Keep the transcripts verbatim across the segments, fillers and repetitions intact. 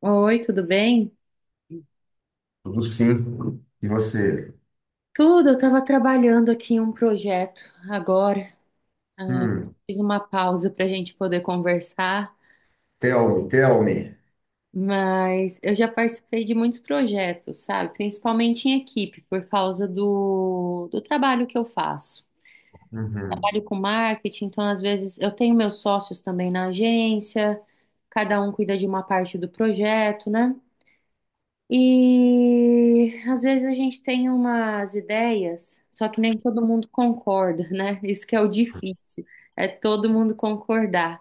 Oi, tudo bem? Tudo sim. E você? Tudo, eu estava trabalhando aqui em um projeto agora. Hum. Fiz uma pausa para a gente poder conversar, Tell me, tell me. mas eu já participei de muitos projetos, sabe? Principalmente em equipe, por causa do, do trabalho que eu faço. Uhum, Trabalho com marketing, então às vezes eu tenho meus sócios também na agência, cada um cuida de uma parte do projeto, né? E às vezes a gente tem umas ideias, só que nem todo mundo concorda, né? Isso que é o difícil, é todo mundo concordar.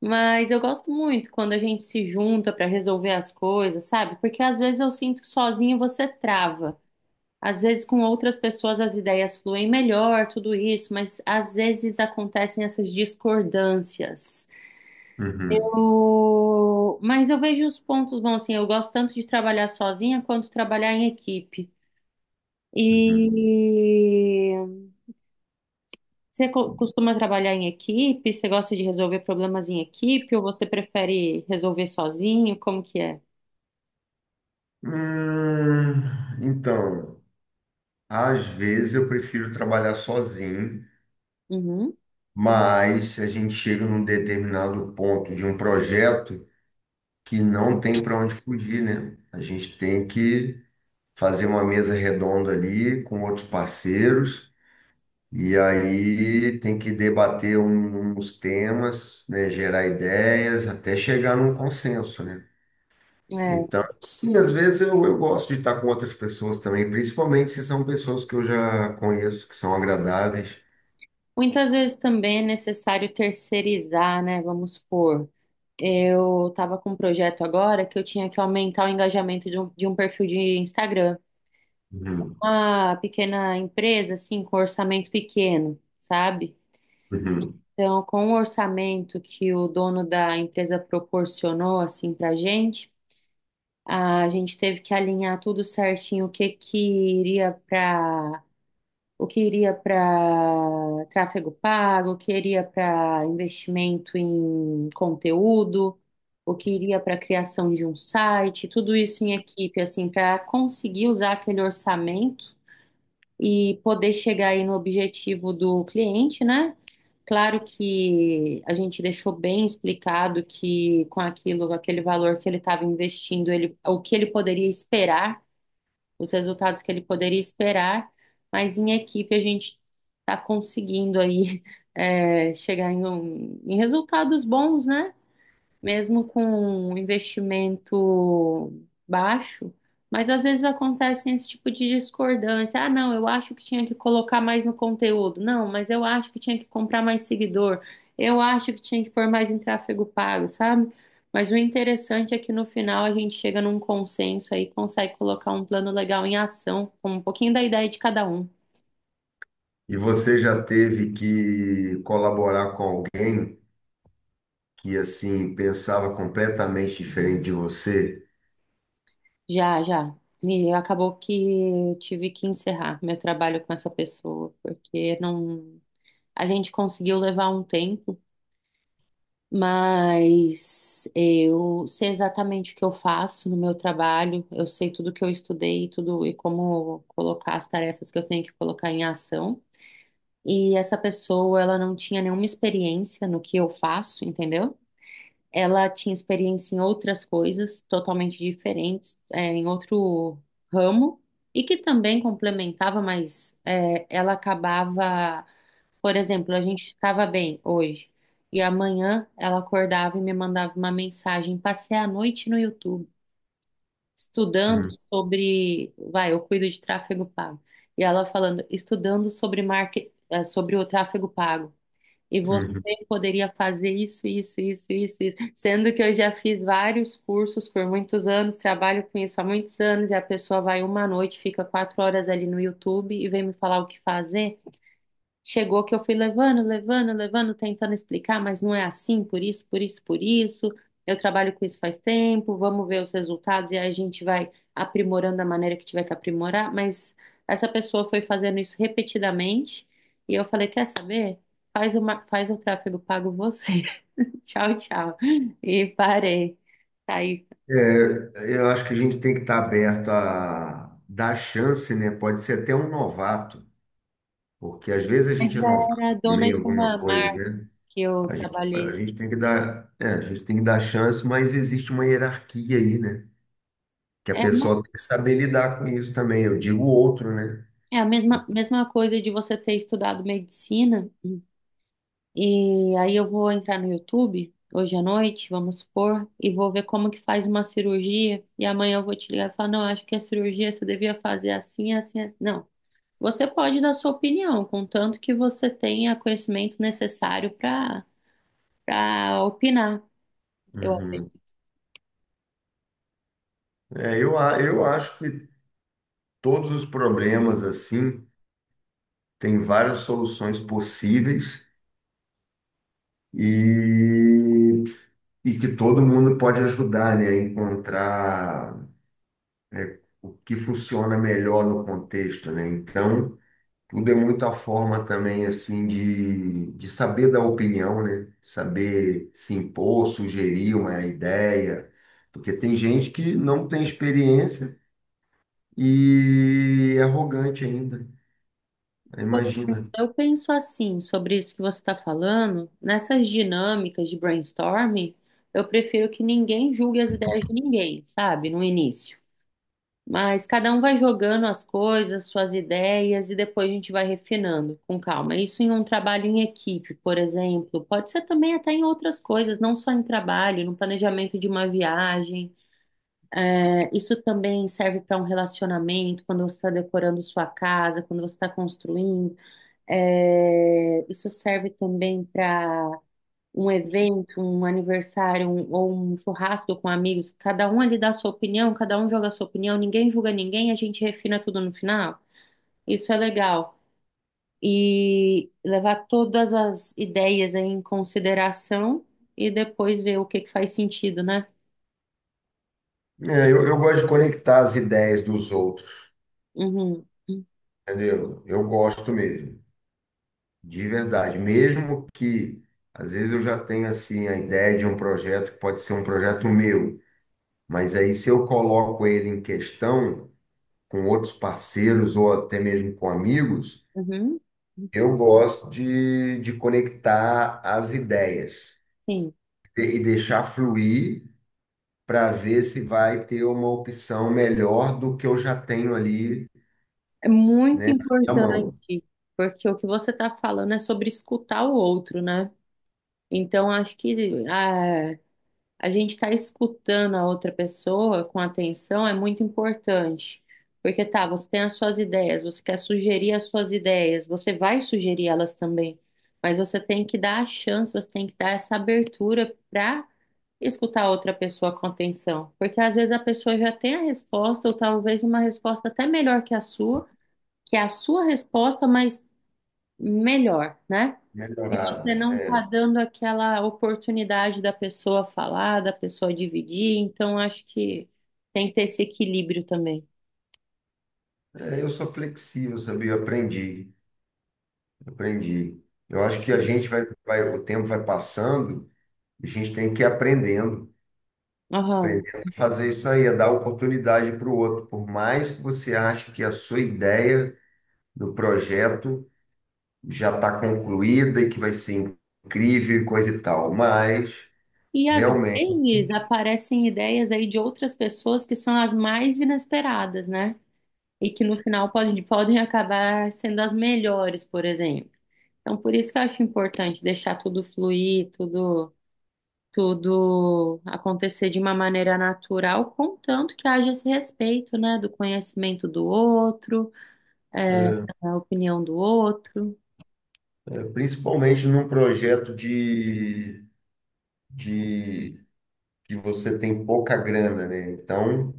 Mas eu gosto muito quando a gente se junta para resolver as coisas, sabe? Porque às vezes eu sinto que sozinho você trava. Às vezes com outras pessoas as ideias fluem melhor, tudo isso, mas às vezes acontecem essas discordâncias. uhum, O- Mas eu vejo os pontos bons, assim, eu gosto tanto de trabalhar sozinha quanto trabalhar em equipe. uhum. E você co- costuma trabalhar em equipe? Você gosta de resolver problemas em equipe ou você prefere resolver sozinho? Como que é? Hum, então, às vezes eu prefiro trabalhar sozinho, Uhum. mas a gente chega num determinado ponto de um projeto que não tem para onde fugir, né? A gente tem que fazer uma mesa redonda ali com outros parceiros. E aí tem que debater um- uns temas, né, gerar ideias, até chegar num consenso, né? É. Então, sim, às vezes eu, eu gosto de estar com outras pessoas também, principalmente se são pessoas que eu já conheço, que são agradáveis. Muitas vezes também é necessário terceirizar, né? Vamos supor, eu estava com um projeto agora que eu tinha que aumentar o engajamento de um, de um perfil de Instagram. Uhum, Uma pequena empresa, assim, com orçamento pequeno, sabe? uhum. Então, com o orçamento que o dono da empresa proporcionou, assim, pra gente, a gente teve que alinhar tudo certinho, o que que iria para o que iria para tráfego pago, o que iria para investimento em conteúdo, o que iria para criação de um site, tudo isso em equipe, assim, para conseguir usar aquele orçamento e poder chegar aí no objetivo do cliente, né? Claro que a gente deixou bem explicado que com aquilo, com aquele valor que ele estava investindo, ele, o que ele poderia esperar, os resultados que ele poderia esperar, mas em equipe a gente está conseguindo aí é, chegar em, um- em resultados bons, né? Mesmo com um investimento baixo, mas às vezes acontece esse tipo de discordância. Ah, não, eu acho que tinha que colocar mais no conteúdo. Não, mas eu acho que tinha que comprar mais seguidor. Eu acho que tinha que pôr mais em tráfego pago, sabe? Mas o interessante é que no final a gente chega num consenso aí, consegue colocar um plano legal em ação, com um pouquinho da ideia de cada um. E você já teve que colaborar com alguém que, assim, pensava completamente diferente de você? Já, já. E acabou que eu tive que encerrar meu trabalho com essa pessoa, porque não. A gente conseguiu levar um tempo, mas eu sei exatamente o que eu faço no meu trabalho, eu sei tudo que eu estudei, tudo e como colocar as tarefas que eu tenho que colocar em ação. E essa pessoa, ela não tinha nenhuma experiência no que eu faço, entendeu? Ela tinha experiência em outras coisas totalmente diferentes, é, em outro ramo, e que também complementava, mas é, ela acabava por exemplo, a gente estava bem hoje e amanhã ela acordava e me mandava uma mensagem. Passei a noite no YouTube estudando Uhum, sobre, vai, eu cuido de tráfego pago. E ela falando, estudando sobre market, eh, sobre o tráfego pago. E uhum. você poderia fazer isso, isso, isso, isso, isso. Sendo que eu já fiz vários cursos por muitos anos, trabalho com isso há muitos anos, e a pessoa vai uma noite, fica quatro horas ali no YouTube e vem me falar o que fazer. Chegou que eu fui levando, levando, levando, tentando explicar, mas não é assim, por isso, por isso, por isso. Eu trabalho com isso faz tempo, vamos ver os resultados e aí a gente vai aprimorando da maneira que tiver que aprimorar. Mas essa pessoa foi fazendo isso repetidamente e eu falei: Quer saber? Faz uma, faz o tráfego pago você. Tchau, tchau. E parei. Aí É, eu acho que a gente tem que estar aberto a dar chance, né? Pode ser até um novato, porque às vezes a gente é era novato também dona em de alguma uma coisa, marca né? que eu A gente, a trabalhei. gente tem que dar, é, a gente tem que dar chance, mas existe uma hierarquia aí, né? Que a É, uma- pessoa tem que saber lidar com isso também. Eu digo o outro, né? é a mesma, mesma coisa de você ter estudado medicina. E aí eu vou entrar no YouTube hoje à noite, vamos supor, e vou ver como que faz uma cirurgia. E amanhã eu vou te ligar e falar, não, acho que a cirurgia você devia fazer assim, assim, assim. Não, você pode dar sua opinião, contanto que você tenha conhecimento necessário para para opinar. Eu acredito. Uhum. É, eu, a- eu acho que todos os problemas, assim, têm várias soluções possíveis e E que todo mundo pode ajudar, né, a encontrar, né, o que funciona melhor no contexto, né? Então, tudo é muita forma também, assim, de, de saber dar opinião, né? Saber se impor, sugerir uma ideia, porque tem gente que não tem experiência e é arrogante ainda, Por imagina. exemplo, eu penso assim sobre isso que você está falando, nessas dinâmicas de brainstorming, eu prefiro que ninguém julgue as ideias de ninguém, sabe, no início. Mas cada um vai jogando as coisas, suas ideias e depois a gente vai refinando com calma. Isso em um trabalho em equipe, por exemplo, pode ser também até em outras coisas, não só em trabalho, no planejamento de uma viagem. É, isso também serve para um relacionamento, quando você está decorando sua casa, quando você está construindo. É, isso serve também para um evento, um aniversário, um- ou um churrasco com amigos, cada um ali dá a sua opinião, cada um joga a sua opinião, ninguém julga ninguém, a gente refina tudo no final. Isso é legal. E levar todas as ideias em consideração e depois ver o que que faz sentido, né? É, eu, eu gosto de conectar as ideias dos outros, Uhum. entendeu? Eu gosto mesmo. De verdade, mesmo que às vezes eu já tenho assim a ideia de um projeto que pode ser um projeto meu, mas aí se eu coloco ele em questão com outros parceiros ou até mesmo com amigos, Uhum. eu gosto de, de conectar as ideias Sim. e e deixar fluir para ver se vai ter uma opção melhor do que eu já tenho ali É muito na mão, importante, porque o que você está falando é sobre escutar o outro, né? Então, acho que ah, a gente estar escutando a outra pessoa com atenção é muito importante. Porque tá, você tem as suas ideias, você quer sugerir as suas ideias, você vai sugerir elas também, mas você tem que dar a chance, você tem que dar essa abertura para escutar a outra pessoa com atenção. Porque às vezes a pessoa já tem a resposta, ou talvez uma resposta até melhor que a sua, que é a sua resposta, mas melhor, né? E você melhorada. não está É, dando aquela oportunidade da pessoa falar, da pessoa dividir, então acho que tem que ter esse equilíbrio também. É, eu sou flexível, sabia? Eu aprendi. Aprendi. Eu acho que a gente vai, vai, o tempo vai passando, a gente tem que ir aprendendo, Aham. aprendendo a fazer isso aí, a dar oportunidade para o outro. Por mais que você ache que a sua ideia do projeto já está concluída e que vai ser incrível e coisa e tal, mas E às realmente, vezes aparecem ideias aí de outras pessoas que são as mais inesperadas, né? E que no final podem, podem acabar sendo as melhores, por exemplo. Então, por isso que eu acho importante deixar tudo fluir, tudo. Tudo acontecer de uma maneira natural, contanto que haja esse respeito, né, do conhecimento do outro, é, da opinião do outro. é, principalmente num projeto de, de que você tem pouca grana, né? Então,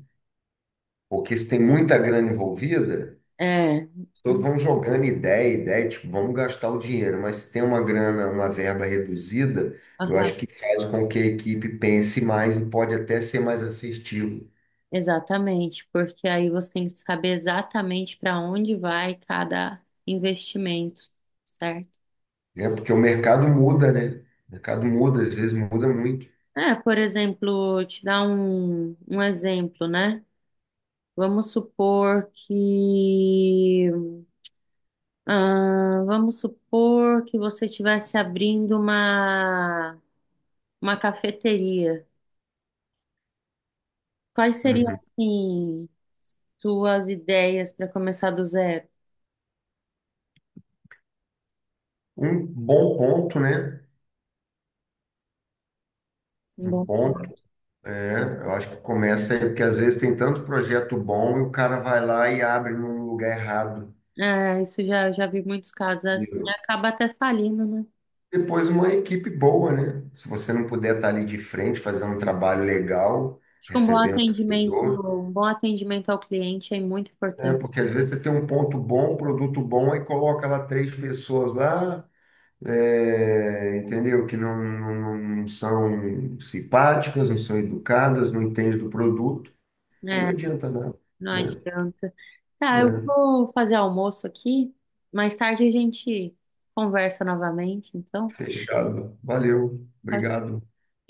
porque se tem muita grana envolvida. É, Todos vão jogando ideia, ideia, tipo, vamos gastar o dinheiro, mas se tem uma grana, uma verba reduzida, eu aham, acho que faz com que a equipe pense mais e pode até ser mais assertivo, exatamente, porque aí você tem que saber exatamente para onde vai cada investimento, certo? né? Porque o mercado muda, né? O mercado muda, às vezes muda muito. É, por exemplo, te dar um, um exemplo, né? Vamos supor que Ah, vamos supor que você estivesse abrindo uma, uma cafeteria. Quais seriam, Uhum. assim, suas ideias para começar do zero? Um bom ponto, né? Um Bom, ponto, é, eu acho que começa aí, porque às vezes tem tanto projeto bom e o cara vai lá e abre num lugar errado. é, isso já, já vi muitos casos assim. Acaba até falindo, né? Depois uma equipe boa, né? Se você não puder estar ali de frente, fazer um trabalho legal, Acho que um bom recebendo as atendimento, pessoas, um bom atendimento ao cliente é muito né? importante. Porque às vezes você tem um ponto bom, um produto bom, aí coloca lá três pessoas lá, é, entendeu? Que não, não, não são simpáticas, não são educadas, não entendem do produto, aí não É, adianta nada, não né? adianta. Tá, eu É, vou fazer almoço aqui. Mais tarde a gente conversa novamente, então. fechado. Valeu, Tchau, obrigado.